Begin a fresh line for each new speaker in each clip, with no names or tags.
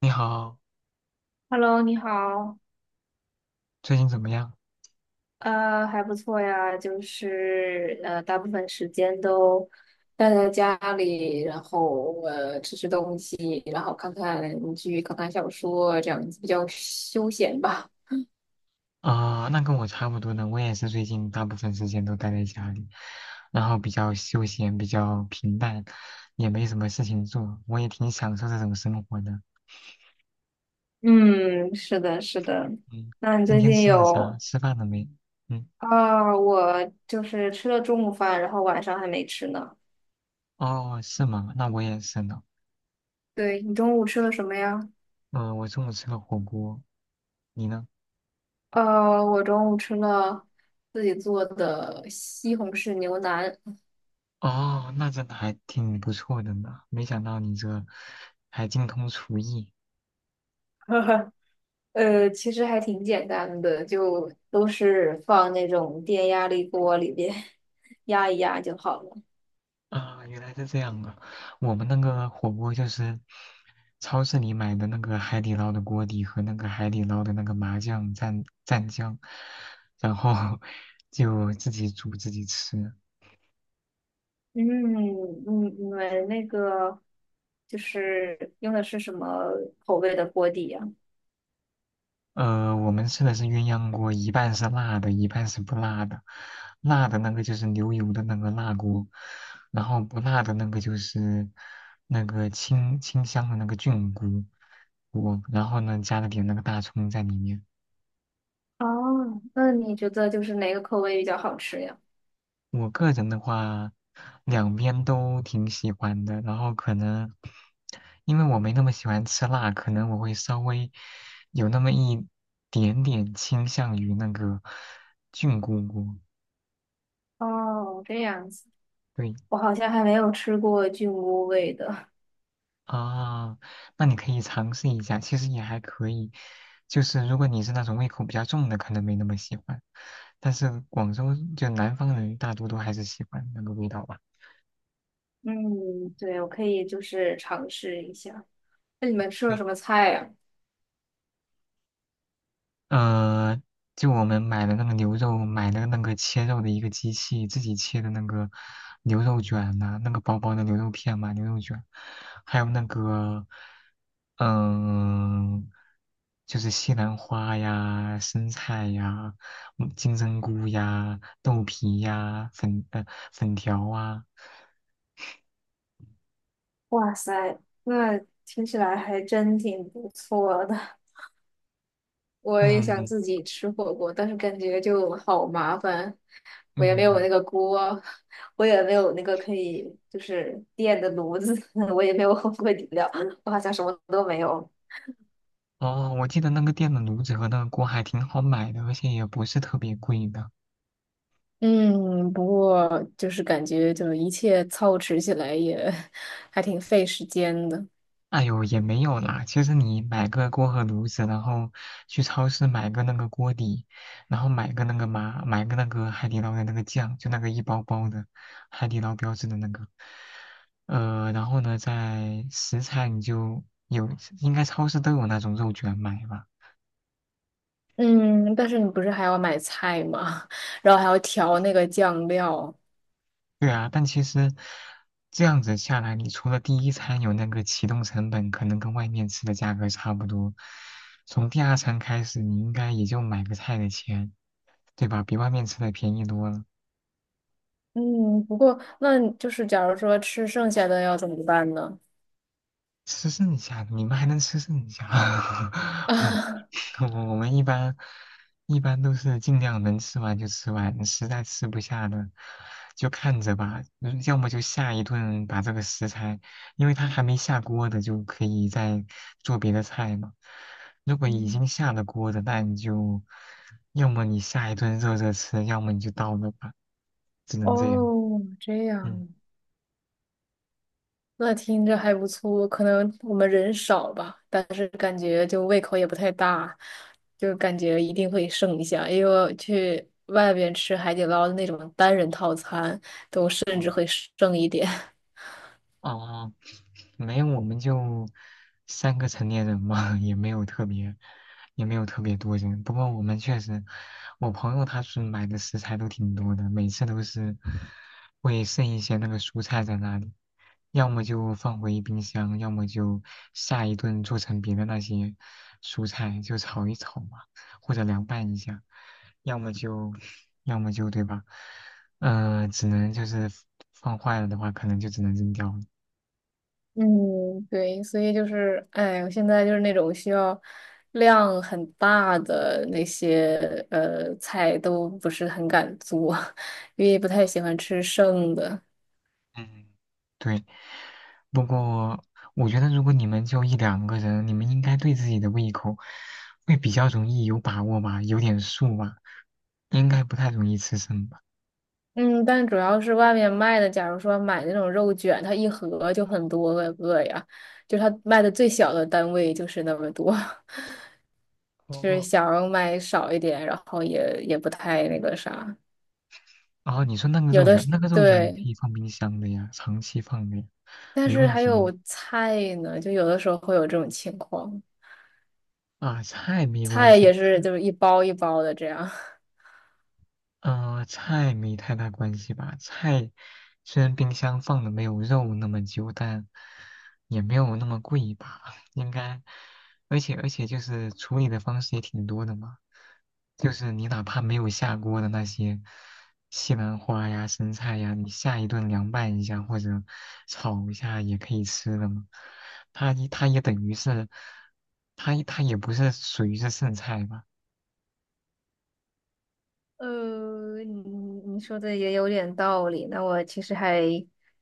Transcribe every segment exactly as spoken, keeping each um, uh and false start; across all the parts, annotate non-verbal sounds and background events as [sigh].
你好，
Hello，你好，
最近怎么样？
呃，还不错呀，就是呃，大部分时间都待在家里，然后呃，吃吃东西，然后看看剧，看看小说，这样子比较休闲吧。
啊、那跟我差不多呢，我也是最近大部分时间都待在家里，然后比较休闲，比较平淡，也没什么事情做，我也挺享受这种生活的。
嗯，是的，是的。
嗯，
那你
今
最
天
近
吃了啥？
有
吃饭了没？嗯，
啊？我就是吃了中午饭，然后晚上还没吃呢。
哦，是吗？那我也是呢。
对，你中午吃了什么呀？
嗯、我中午吃了火锅，你呢？
呃，我中午吃了自己做的西红柿牛腩。
哦，那真的还挺不错的呢，没想到你这还精通厨艺。
[laughs] 呃，其实还挺简单的，就都是放那种电压力锅里边 [laughs] 压一压就好了。
啊，原来是这样啊！我们那个火锅就是超市里买的那个海底捞的锅底和那个海底捞的那个麻酱蘸蘸酱，然后 [laughs] 就自己煮自己吃。
嗯，你你们那个就是用的是什么口味的锅底呀？
呃，我们吃的是鸳鸯锅，一半是辣的，一半是不辣的。辣的那个就是牛油的那个辣锅，然后不辣的那个就是那个清清香的那个菌菇锅，然后呢加了点那个大葱在里面。
哦，那你觉得就是哪个口味比较好吃呀？
我个人的话，两边都挺喜欢的。然后可能因为我没那么喜欢吃辣，可能我会稍微有那么一点点倾向于那个菌菇菇。
哦，这样子，
对
我好像还没有吃过菌菇味的。
啊，那你可以尝试一下，其实也还可以。就是如果你是那种胃口比较重的，可能没那么喜欢。但是广州就南方人大多都还是喜欢那个味道吧。
嗯，对，我可以就是尝试一下。那你们吃了
对
什么菜呀？
呃，就我们买的那个牛肉，买的那个切肉的一个机器，自己切的那个牛肉卷呐、那个薄薄的牛肉片嘛，牛肉卷，还有那个，嗯、就是西兰花呀、生菜呀、嗯金针菇呀、豆皮呀、粉呃粉条啊，
哇塞，那听起来还真挺不错的。我也想
嗯
自己吃火锅，但是感觉就好麻烦，我也没有
嗯，
那个锅，我也没有那个可以就是电的炉子，[laughs] 我也没有火锅底料，我好像什么都没有。
哦，我记得那个店的炉子和那个锅还挺好买的，而且也不是特别贵的。
嗯，不过就是感觉就是一切操持起来也 [laughs] 还挺费时间的。
哎呦，也没有啦。其实你买个锅和炉子，然后去超市买个那个锅底，然后买个那个嘛，买个那个海底捞的那个酱，就那个一包包的海底捞标志的那个。呃，然后呢，在食材你就有，应该超市都有那种肉卷买吧。
嗯，但是你不是还要买菜吗？[laughs] 然后还要调那个酱料。
对啊，但其实这样子下来，你除了第一餐有那个启动成本，可能跟外面吃的价格差不多，从第二餐开始，你应该也就买个菜的钱，对吧？比外面吃的便宜多了，
嗯，不过那就是假如说吃剩下的要怎么办呢？
吃剩下的，你们还能吃剩下。
[laughs]
[laughs]
啊，
[laughs] 我我们一般一般都是尽量能吃完就吃完，实在吃不下的就看着吧，嗯要么就下一顿把这个食材，因为它还没下锅的，就可以再做别的菜嘛。如果已
嗯，
经下了锅的，那你就要么你下一顿热热吃，要么你就倒了吧，只能这样。
哦，这
嗯，
样，那听着还不错。可能我们人少吧，但是感觉就胃口也不太大，就感觉一定会剩一下，因为我去外边吃海底捞的那种单人套餐，甚
好
至会剩一点。
哦，没有，我们就三个成年人嘛，[laughs] 也没有特别，也没有特别多人。不过我们确实，我朋友他是买的食材都挺多的，每次都是会剩一些那个蔬菜在那里，要么就放回冰箱，要么就下一顿做成别的那些蔬菜，就炒一炒嘛，或者凉拌一下，要么就，要么就，对吧？呃，只能就是放坏了的话，可能就只能扔掉了。
嗯，对，所以就是，哎，我现在就是那种需要量很大的那些呃菜都不是很敢做，[laughs] 因为不太喜欢吃剩的。
嗯，对，不过我觉得如果你们就一两个人，你们应该对自己的胃口会比较容易有把握吧，有点数吧，应该不太容易吃剩吧。
嗯，但主要是外面卖的，假如说买那种肉卷，它一盒就很多个个呀，就它卖的最小的单位就是那么多，[laughs] 就是
哦，
想要买少一点，然后也也不太那个啥，
哦，你说那个
有
肉
的
卷，那个肉卷你可
对。
以放冰箱的呀，长期放的呀，
但
没
是
问
还
题的呀
有菜呢，就有的时候会有这种情况。
啊，菜没关
菜
系，
也是就是一包一包的这样。[laughs]
嗯，菜没太大关系吧。菜虽然冰箱放的没有肉那么久，但也没有那么贵吧，[laughs] 应该。而且而且就是处理的方式也挺多的嘛，就是你哪怕没有下锅的那些西兰花呀、生菜呀，你下一顿凉拌一下或者炒一下也可以吃的嘛。它一它也等于是，它它也不是属于是剩菜吧？
呃，你你说的也有点道理，那我其实还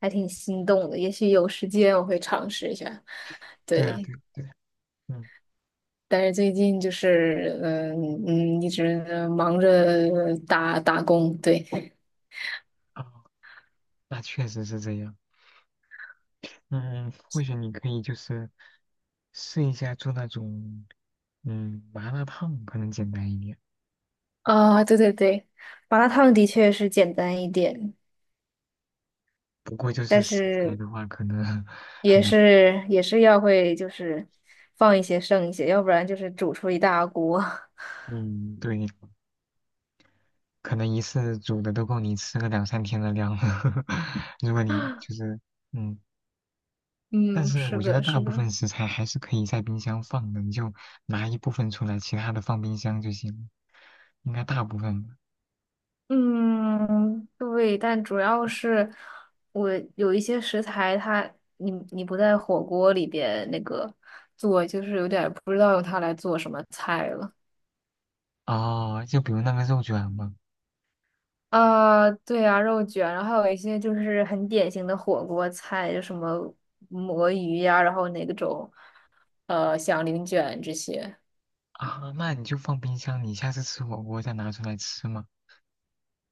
还挺心动的，也许有时间我会尝试一下。
对啊，
对，
对对，嗯。
但是最近就是嗯嗯一直呃忙着呃打打工，对。
哦，那确实是这样。嗯，或许你可以就是试一下做那种嗯麻辣烫，可能简单一点。
啊，对对对，麻辣烫的确是简单一点，
不过就
但
是食材
是
的话，可能 [laughs] 很
也
难。
是也是要会就是放一些剩一些，要不然就是煮出一大锅。[laughs]
嗯，对，可能一次煮的都够你吃个两三天的量了。[laughs] 如果你就是嗯，但
嗯，
是
是
我觉得
的，
大
是
部
的。
分食材还是可以在冰箱放的，你就拿一部分出来，其他的放冰箱就行了。应该大部分吧。
嗯，对，但主要是我有一些食材它，你你不在火锅里边那个做，就是有点儿不知道用它来做什么菜了。
哦，就比如那个肉卷嘛。
啊、对啊，肉卷，然后还有一些就是很典型的火锅菜，就什么魔芋呀、然后那种呃响铃卷这些
啊，那你就放冰箱，你下次吃火锅再拿出来吃嘛。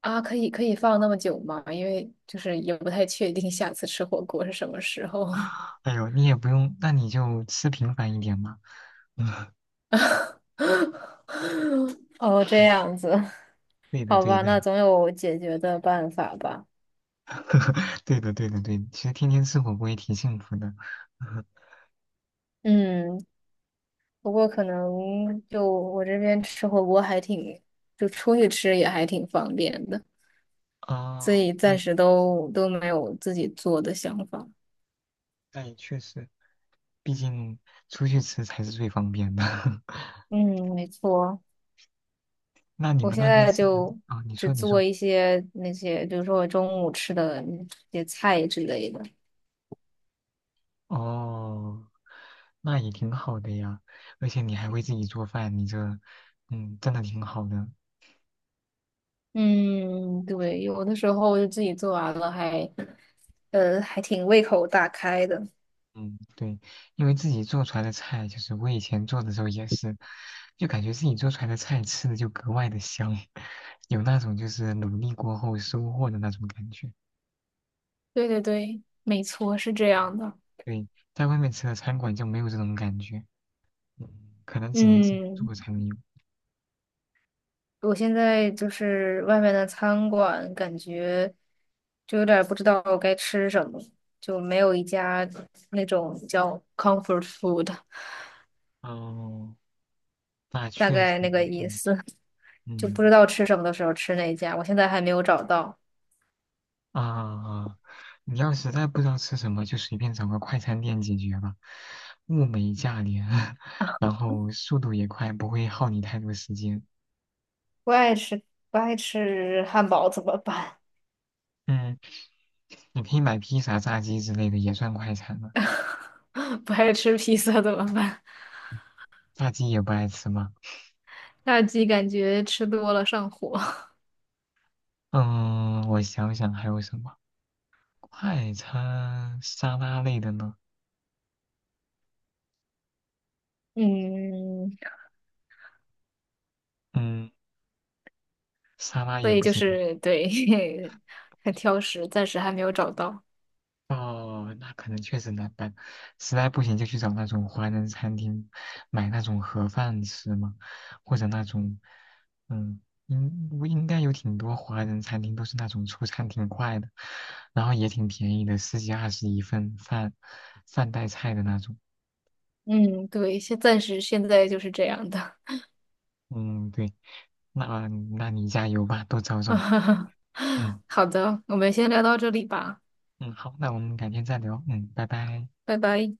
啊，可以可以放那么久吗？因为就是也不太确定下次吃火锅是什么时候。
[gasps] 哎呦，你也不用，那你就吃频繁一点嘛。[laughs] 嗯，
[laughs] 哦，这
嗯
样子，
对的，
好
对
吧，
的，
那总有解决的办法吧。
[laughs] 对的，对的，对的。其实天天吃火锅也挺幸福的。[laughs]
嗯，不过可能就我这边吃火锅还挺，就出去吃也还挺方便的，所
哦，
以
那
暂
也
时都都没有自己做的想法。
那也确实，毕竟出去吃才是最方便的。[laughs]
嗯，没错，
那你
我
们
现
那边
在
是
就
啊？你
只
说，你
做
说，
一些那些，比如说我中午吃的那些菜之类的。
哦，那也挺好的呀。而且你还会自己做饭，你这，嗯，真的挺好的。
嗯，对，有的时候就自己做完了还。呃，还挺胃口大开的。
嗯，对，因为自己做出来的菜，就是我以前做的时候也是，就感觉自己做出来的菜吃的就格外的香，[laughs] 有那种就是努力过后收获的那种感觉。
对对对，没错，是这样的。
对，在外面吃的餐馆就没有这种感觉，嗯可能只能自己
嗯，
做才能有。
我现在就是外面的餐馆，感觉就有点儿不知道该吃什么，就没有一家那种叫 comfort food，
哦，那
大
确实，
概那个意
嗯
思，就不知
嗯。
道吃什么的时候吃那一家，我现在还没有找到。
啊，啊你要实在不知道吃什么，就随便找个快餐店解决吧，物美价廉，[laughs]
啊
然后速度也快，不会耗你太多时间。
不爱吃不爱吃汉堡怎么办？
嗯，你可以买披萨、炸鸡之类的，也算快餐了。
[laughs] 不爱吃披萨怎么办？
炸鸡也不爱吃吗？
[laughs] 炸鸡感觉吃多了上火。
嗯，我想想还有什么快餐沙拉类的呢？
嗯，
嗯，沙拉
所
也
以
不
就
行。
是对，[laughs] 很挑食，暂时还没有找到。
哦，那可能确实难办，实在不行就去找那种华人餐厅买那种盒饭吃嘛，或者那种，嗯，应应该有挺多华人餐厅都是那种出餐挺快的，然后也挺便宜的，十几二十一份饭，饭带菜的那种。
嗯，对，现暂时现在就是这样的。
嗯，对，那那你加油吧，多找找。
[laughs]
嗯
好的，我们先聊到这里吧，
嗯，好，那我们改天再聊。嗯，拜拜。
拜拜。